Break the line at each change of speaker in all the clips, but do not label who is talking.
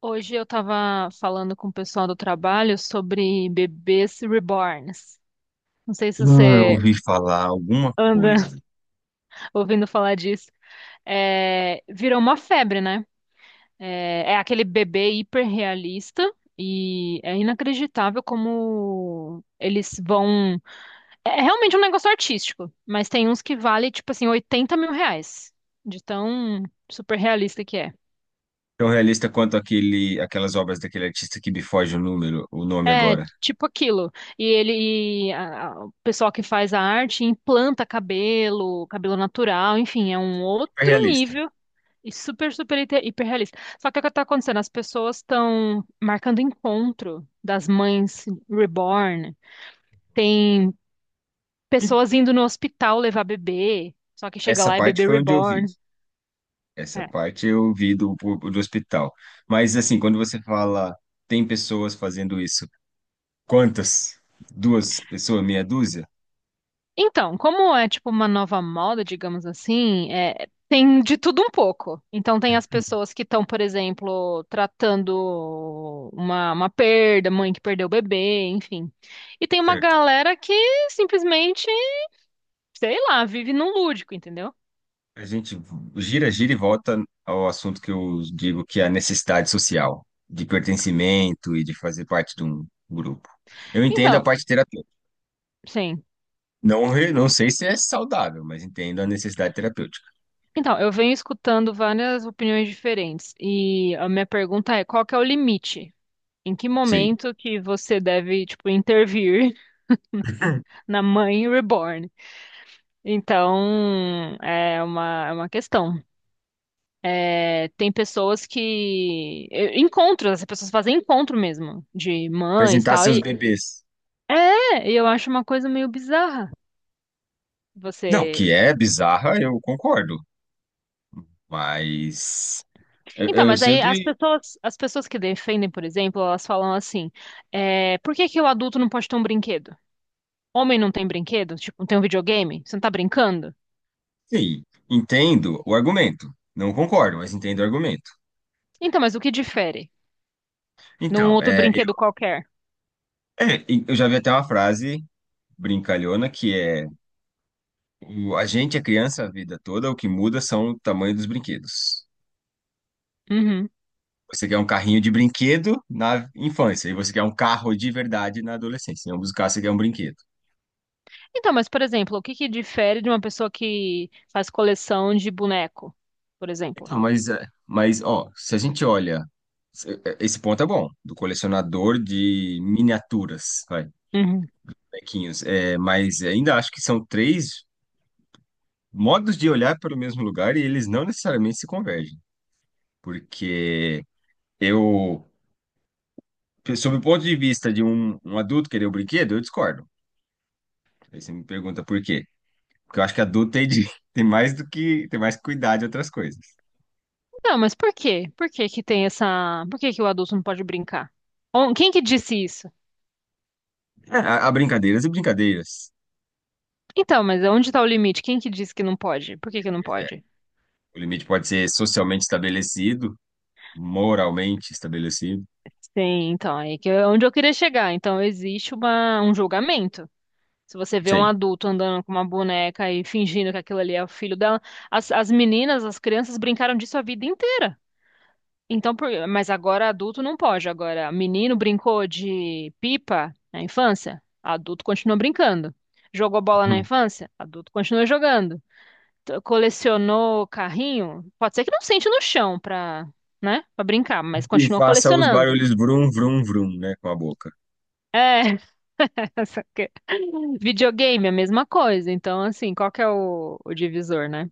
Hoje eu estava falando com o pessoal do trabalho sobre bebês reborns. Não sei se
Ah, eu
você
ouvi falar alguma
anda
coisa.
ouvindo falar disso. É, virou uma febre, né? É aquele bebê hiperrealista e é inacreditável como eles vão. É realmente um negócio artístico, mas tem uns que vale tipo assim 80 mil reais de tão super realista que é.
Tão realista quanto aquelas obras daquele artista que me foge o número, o nome
É,
agora.
tipo aquilo. E ele, e a- o pessoal que faz a arte implanta cabelo, cabelo natural, enfim, é um
Hiper
outro
realista.
nível e super, super hiperrealista. Só que o que está acontecendo? As pessoas estão marcando encontro das mães reborn. Tem
Hum.
pessoas indo no hospital levar bebê, só que chega
Essa
lá é
parte
bebê
foi onde eu vi.
reborn.
Essa
É.
parte eu vi do hospital. Mas, assim, quando você fala, tem pessoas fazendo isso, quantas? Duas pessoas, meia dúzia?
Então, como é tipo uma nova moda, digamos assim, tem de tudo um pouco. Então, tem as pessoas que estão, por exemplo, tratando uma perda, mãe que perdeu o bebê, enfim. E tem uma
Certo.
galera que simplesmente, sei lá, vive num lúdico, entendeu?
A gente gira, gira e volta ao assunto que eu digo que é a necessidade social, de pertencimento e de fazer parte de um grupo. Eu entendo a
Então,
parte terapêutica.
sim.
Não, não sei se é saudável, mas entendo a necessidade terapêutica.
Então, eu venho escutando várias opiniões diferentes. E a minha pergunta é: qual que é o limite? Em que
Sim.
momento que você deve, tipo, intervir na mãe reborn? Então, é uma questão. É, tem pessoas. Encontros, as pessoas fazem encontro mesmo, de mães e
Apresentar
tal.
seus
E
bebês.
eu acho uma coisa meio bizarra.
Não,
Você.
que é bizarra, eu concordo. Mas eu,
Então,
eu
mas aí as
sempre,
pessoas, as pessoas que defendem, por exemplo, elas falam assim: por que que o adulto não pode ter um brinquedo? Homem não tem brinquedo? Tipo, não tem um videogame? Você não tá brincando?
sim, entendo o argumento. Não concordo, mas entendo o argumento.
Então, mas o que difere num
Então,
outro brinquedo qualquer?
e eu já vi até uma frase brincalhona que é: a gente é criança a vida toda, o que muda são o tamanho dos brinquedos.
Uhum.
Você quer um carrinho de brinquedo na infância, e você quer um carro de verdade na adolescência. Em ambos os casos, você quer um brinquedo.
Então, mas, por exemplo, o que que difere de uma pessoa que faz coleção de boneco, por exemplo?
Então, ó, se a gente olha, esse ponto é bom, do colecionador de miniaturas, vai,
Uhum.
bonequinhos, é, mas ainda acho que são três modos de olhar para o mesmo lugar e eles não necessariamente se convergem, porque eu, sob o ponto de vista de um adulto querer o brinquedo, eu discordo. Aí você me pergunta por quê? Porque eu acho que adulto tem, tem mais do que, tem mais que cuidar de outras coisas.
Não, mas por quê? Por que que tem essa... Por que que o adulto não pode brincar? Quem que disse isso?
É, há brincadeiras e brincadeiras.
Então, mas onde está o limite? Quem que disse que não pode? Por que que não
Pois é,
pode?
o limite pode ser socialmente estabelecido, moralmente estabelecido,
Sim, então, aí que é onde eu queria chegar. Então, existe uma, um julgamento. Se você vê um
sim,
adulto andando com uma boneca e fingindo que aquilo ali é o filho dela, as meninas, as crianças brincaram disso a vida inteira. Então, mas agora adulto não pode. Agora, menino brincou de pipa na infância, adulto continua brincando. Jogou bola na infância, adulto continua jogando. Colecionou carrinho, pode ser que não sente no chão pra, né, para brincar, mas
e
continua
faça os
colecionando.
barulhos vrum, vrum, vrum, né, com a boca.
É, só que- videogame é a mesma coisa. Então, assim, qual que é o divisor, né?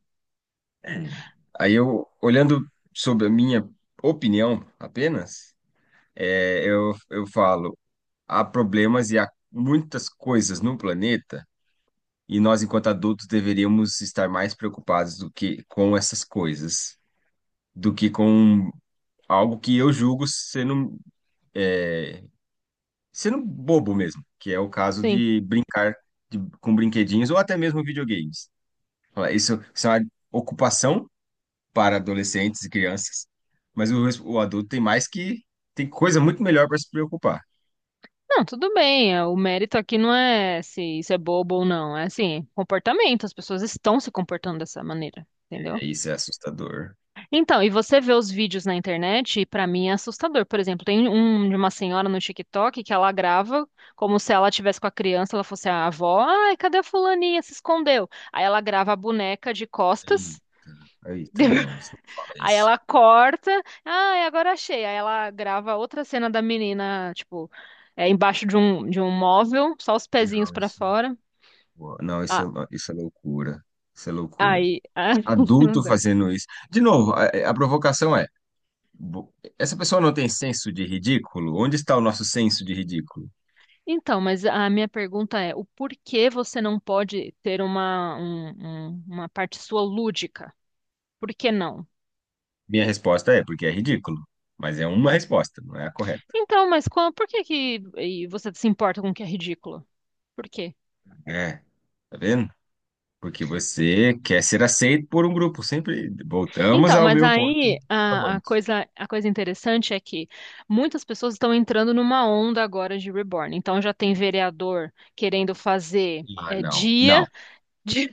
Aí eu, olhando sobre a minha opinião apenas, eu falo, há problemas e há muitas coisas no planeta e nós, enquanto adultos, deveríamos estar mais preocupados do que com essas coisas, do que com algo que eu julgo é, sendo bobo mesmo, que é o caso
Sim.
de brincar com brinquedinhos ou até mesmo videogames. Fala, isso é uma ocupação para adolescentes e crianças, mas o adulto tem mais que tem coisa muito melhor para se preocupar.
Não, tudo bem. O mérito aqui não é se isso é bobo ou não. É assim, comportamento. As pessoas estão se comportando dessa maneira, entendeu?
É, isso é assustador.
Então, e você vê os vídeos na internet, e pra mim é assustador. Por exemplo, tem um de uma senhora no TikTok que ela grava como se ela tivesse com a criança, ela fosse a avó. Ai, cadê a fulaninha? Se escondeu. Aí ela grava a boneca de
Ei,
costas.
Eita, não, isso não fala
Aí
isso.
ela corta, ah, agora achei. Aí ela grava outra cena da menina, tipo, embaixo de um móvel, só os pezinhos
Não,
pra fora.
não,
Ah,
isso é loucura. Isso é loucura.
aí, ah, não
Adulto
dá.
fazendo isso. De novo, a provocação é: essa pessoa não tem senso de ridículo? Onde está o nosso senso de ridículo?
Então, mas a minha pergunta é, o porquê você não pode ter uma parte sua lúdica? Por que não?
Minha resposta é porque é ridículo, mas é uma resposta, não é a correta.
Então, mas qual, por que que e você se importa com o que é ridículo? Por quê?
É, tá vendo? Porque você quer ser aceito por um grupo, sempre voltamos
Então,
ao
mas
meu
aí
ponto
a, a
amante.
coisa, a coisa interessante é que muitas pessoas estão entrando numa onda agora de reborn. Então já tem vereador querendo fazer
Ah,
dia de-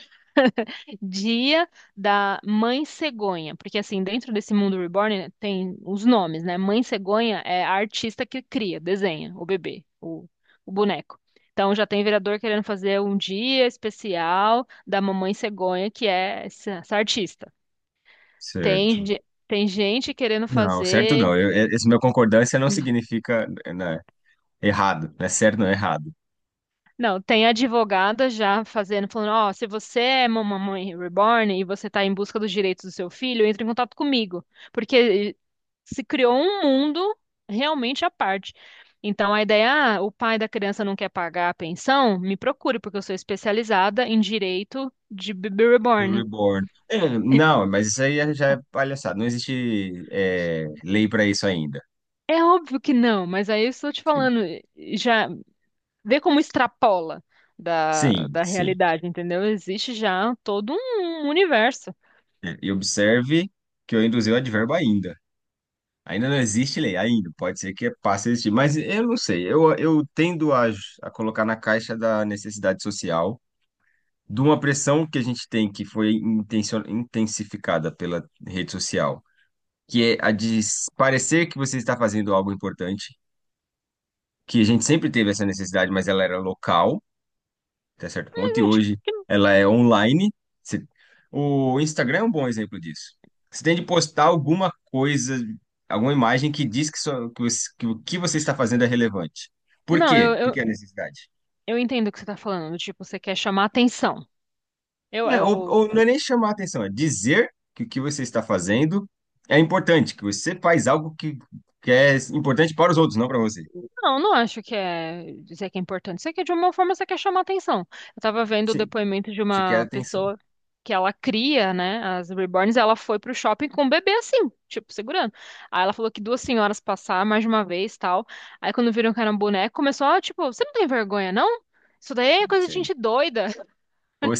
dia da mãe cegonha, porque assim dentro desse mundo reborn, né, tem os nomes, né? Mãe cegonha é a artista que cria, desenha o bebê, o boneco. Então já tem vereador querendo fazer um dia especial da mamãe cegonha, que é essa artista. Tem,
certo.
ge- tem gente querendo
Não, certo
fazer.
não. Esse meu concordância não significa, eh, né, errado, né? Certo não é errado.
Não, tem advogada já fazendo, falando: ó, se você é uma mamãe reborn e você está em busca dos direitos do seu filho, entre em contato comigo. Porque se criou um mundo realmente à parte. Então a ideia, ah, o pai da criança não quer pagar a pensão, me procure, porque eu sou especializada em direito de bebê reborn.
Reborn. É, não, mas isso aí já é palhaçada. Não existe, é, lei para isso ainda.
É óbvio que não, mas aí eu estou te
Sim,
falando, já vê como extrapola da, da
sim.
realidade, entendeu? Existe já todo um universo.
É, e observe que eu induzi o advérbio ainda. Ainda não existe lei, ainda. Pode ser que passe a existir, mas eu não sei. Eu tendo a colocar na caixa da necessidade social, de uma pressão que a gente tem, que foi intensificada pela rede social, que é a de parecer que você está fazendo algo importante, que a gente sempre teve essa necessidade, mas ela era local. Até certo
Mas
ponto, e
eu acho
hoje
que.
ela é online. Você- O Instagram é um bom exemplo disso. Você tem de postar alguma coisa, alguma imagem que diz que o que você está fazendo é relevante. Por
Não, eu,
quê?
eu,
Porque é a necessidade.
eu entendo o que você tá falando. Tipo, você quer chamar atenção. Eu,
É,
eu,
ou não é nem chamar a atenção, é dizer que o que você está fazendo é importante, que você faz algo que é importante para os outros, não para você.
Não, não acho que é dizer que é importante. Isso aqui, de uma forma, você quer chamar atenção. Eu tava vendo o
Sim,
depoimento de
você quer
uma
atenção.
pessoa que ela cria, né, as reborns, e ela foi pro shopping com o bebê assim, tipo, segurando. Aí ela falou que duas senhoras passaram mais de uma vez, tal. Aí quando viram que era um boneco, começou, ah, tipo, você não tem vergonha, não? Isso daí é coisa de
Sim.
gente doida.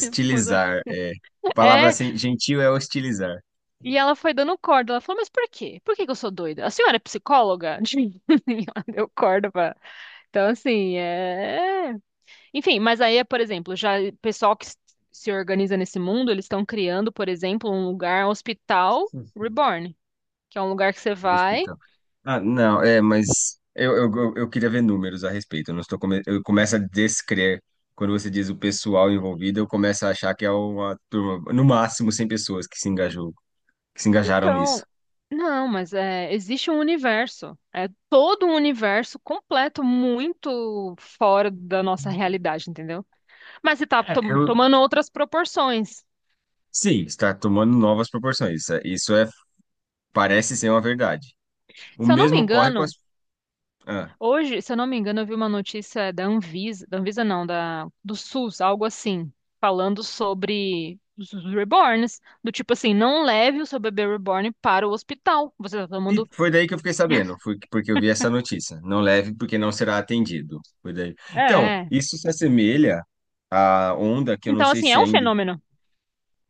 é. A palavra
É,
assim, gentil é hostilizar.
e ela foi dando corda. Ela falou, mas por quê? Por que que eu sou doida? A senhora é psicóloga? E ela deu corda pra... Então, assim, é. Enfim, mas aí, por exemplo, já o pessoal que se organiza nesse mundo, eles estão criando, por exemplo, um lugar, um hospital reborn, que é um lugar que você
O
vai.
hospital. Ah, não, é, mas eu queria ver números a respeito. Eu não estou come... Eu começo a descrer. Quando você diz o pessoal envolvido, eu começo a achar que é uma turma, no máximo 100 pessoas que se engajou, que se engajaram nisso.
Então, não, mas existe um universo. É todo um universo completo, muito fora da nossa realidade, entendeu? Mas você tá
É, eu...
tomando outras proporções.
Sim, está tomando novas proporções. Isso parece ser uma verdade. O
Se eu não me
mesmo ocorre com as.
engano,
Ah.
Hoje, se eu não me engano, eu vi uma notícia da Anvisa não, da, do SUS, algo assim, falando sobre os reborns, do tipo assim, não leve o seu bebê reborn para o hospital. Você tá tomando.
E foi daí que eu fiquei sabendo, foi porque eu vi essa notícia. Não leve porque não será atendido. Foi daí.
É.
Então,
É.
isso se assemelha à onda que eu não
Então,
sei
assim, é
se
um
ainda.
fenômeno.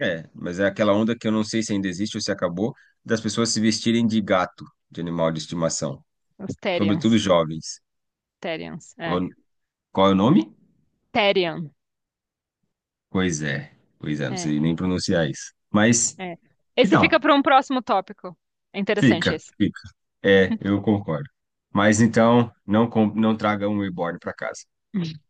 É, mas é aquela onda que eu não sei se ainda existe ou se acabou, das pessoas se vestirem de gato, de animal de estimação,
Os terians,
sobretudo jovens.
Therians, é.
Qual, qual é o nome?
Therian.
Pois é, pois é, não
É,
sei nem pronunciar isso. Mas,
é. Esse fica
então,
para um próximo tópico. É interessante esse.
fica. É, eu concordo. Mas então, não traga um reborn para casa.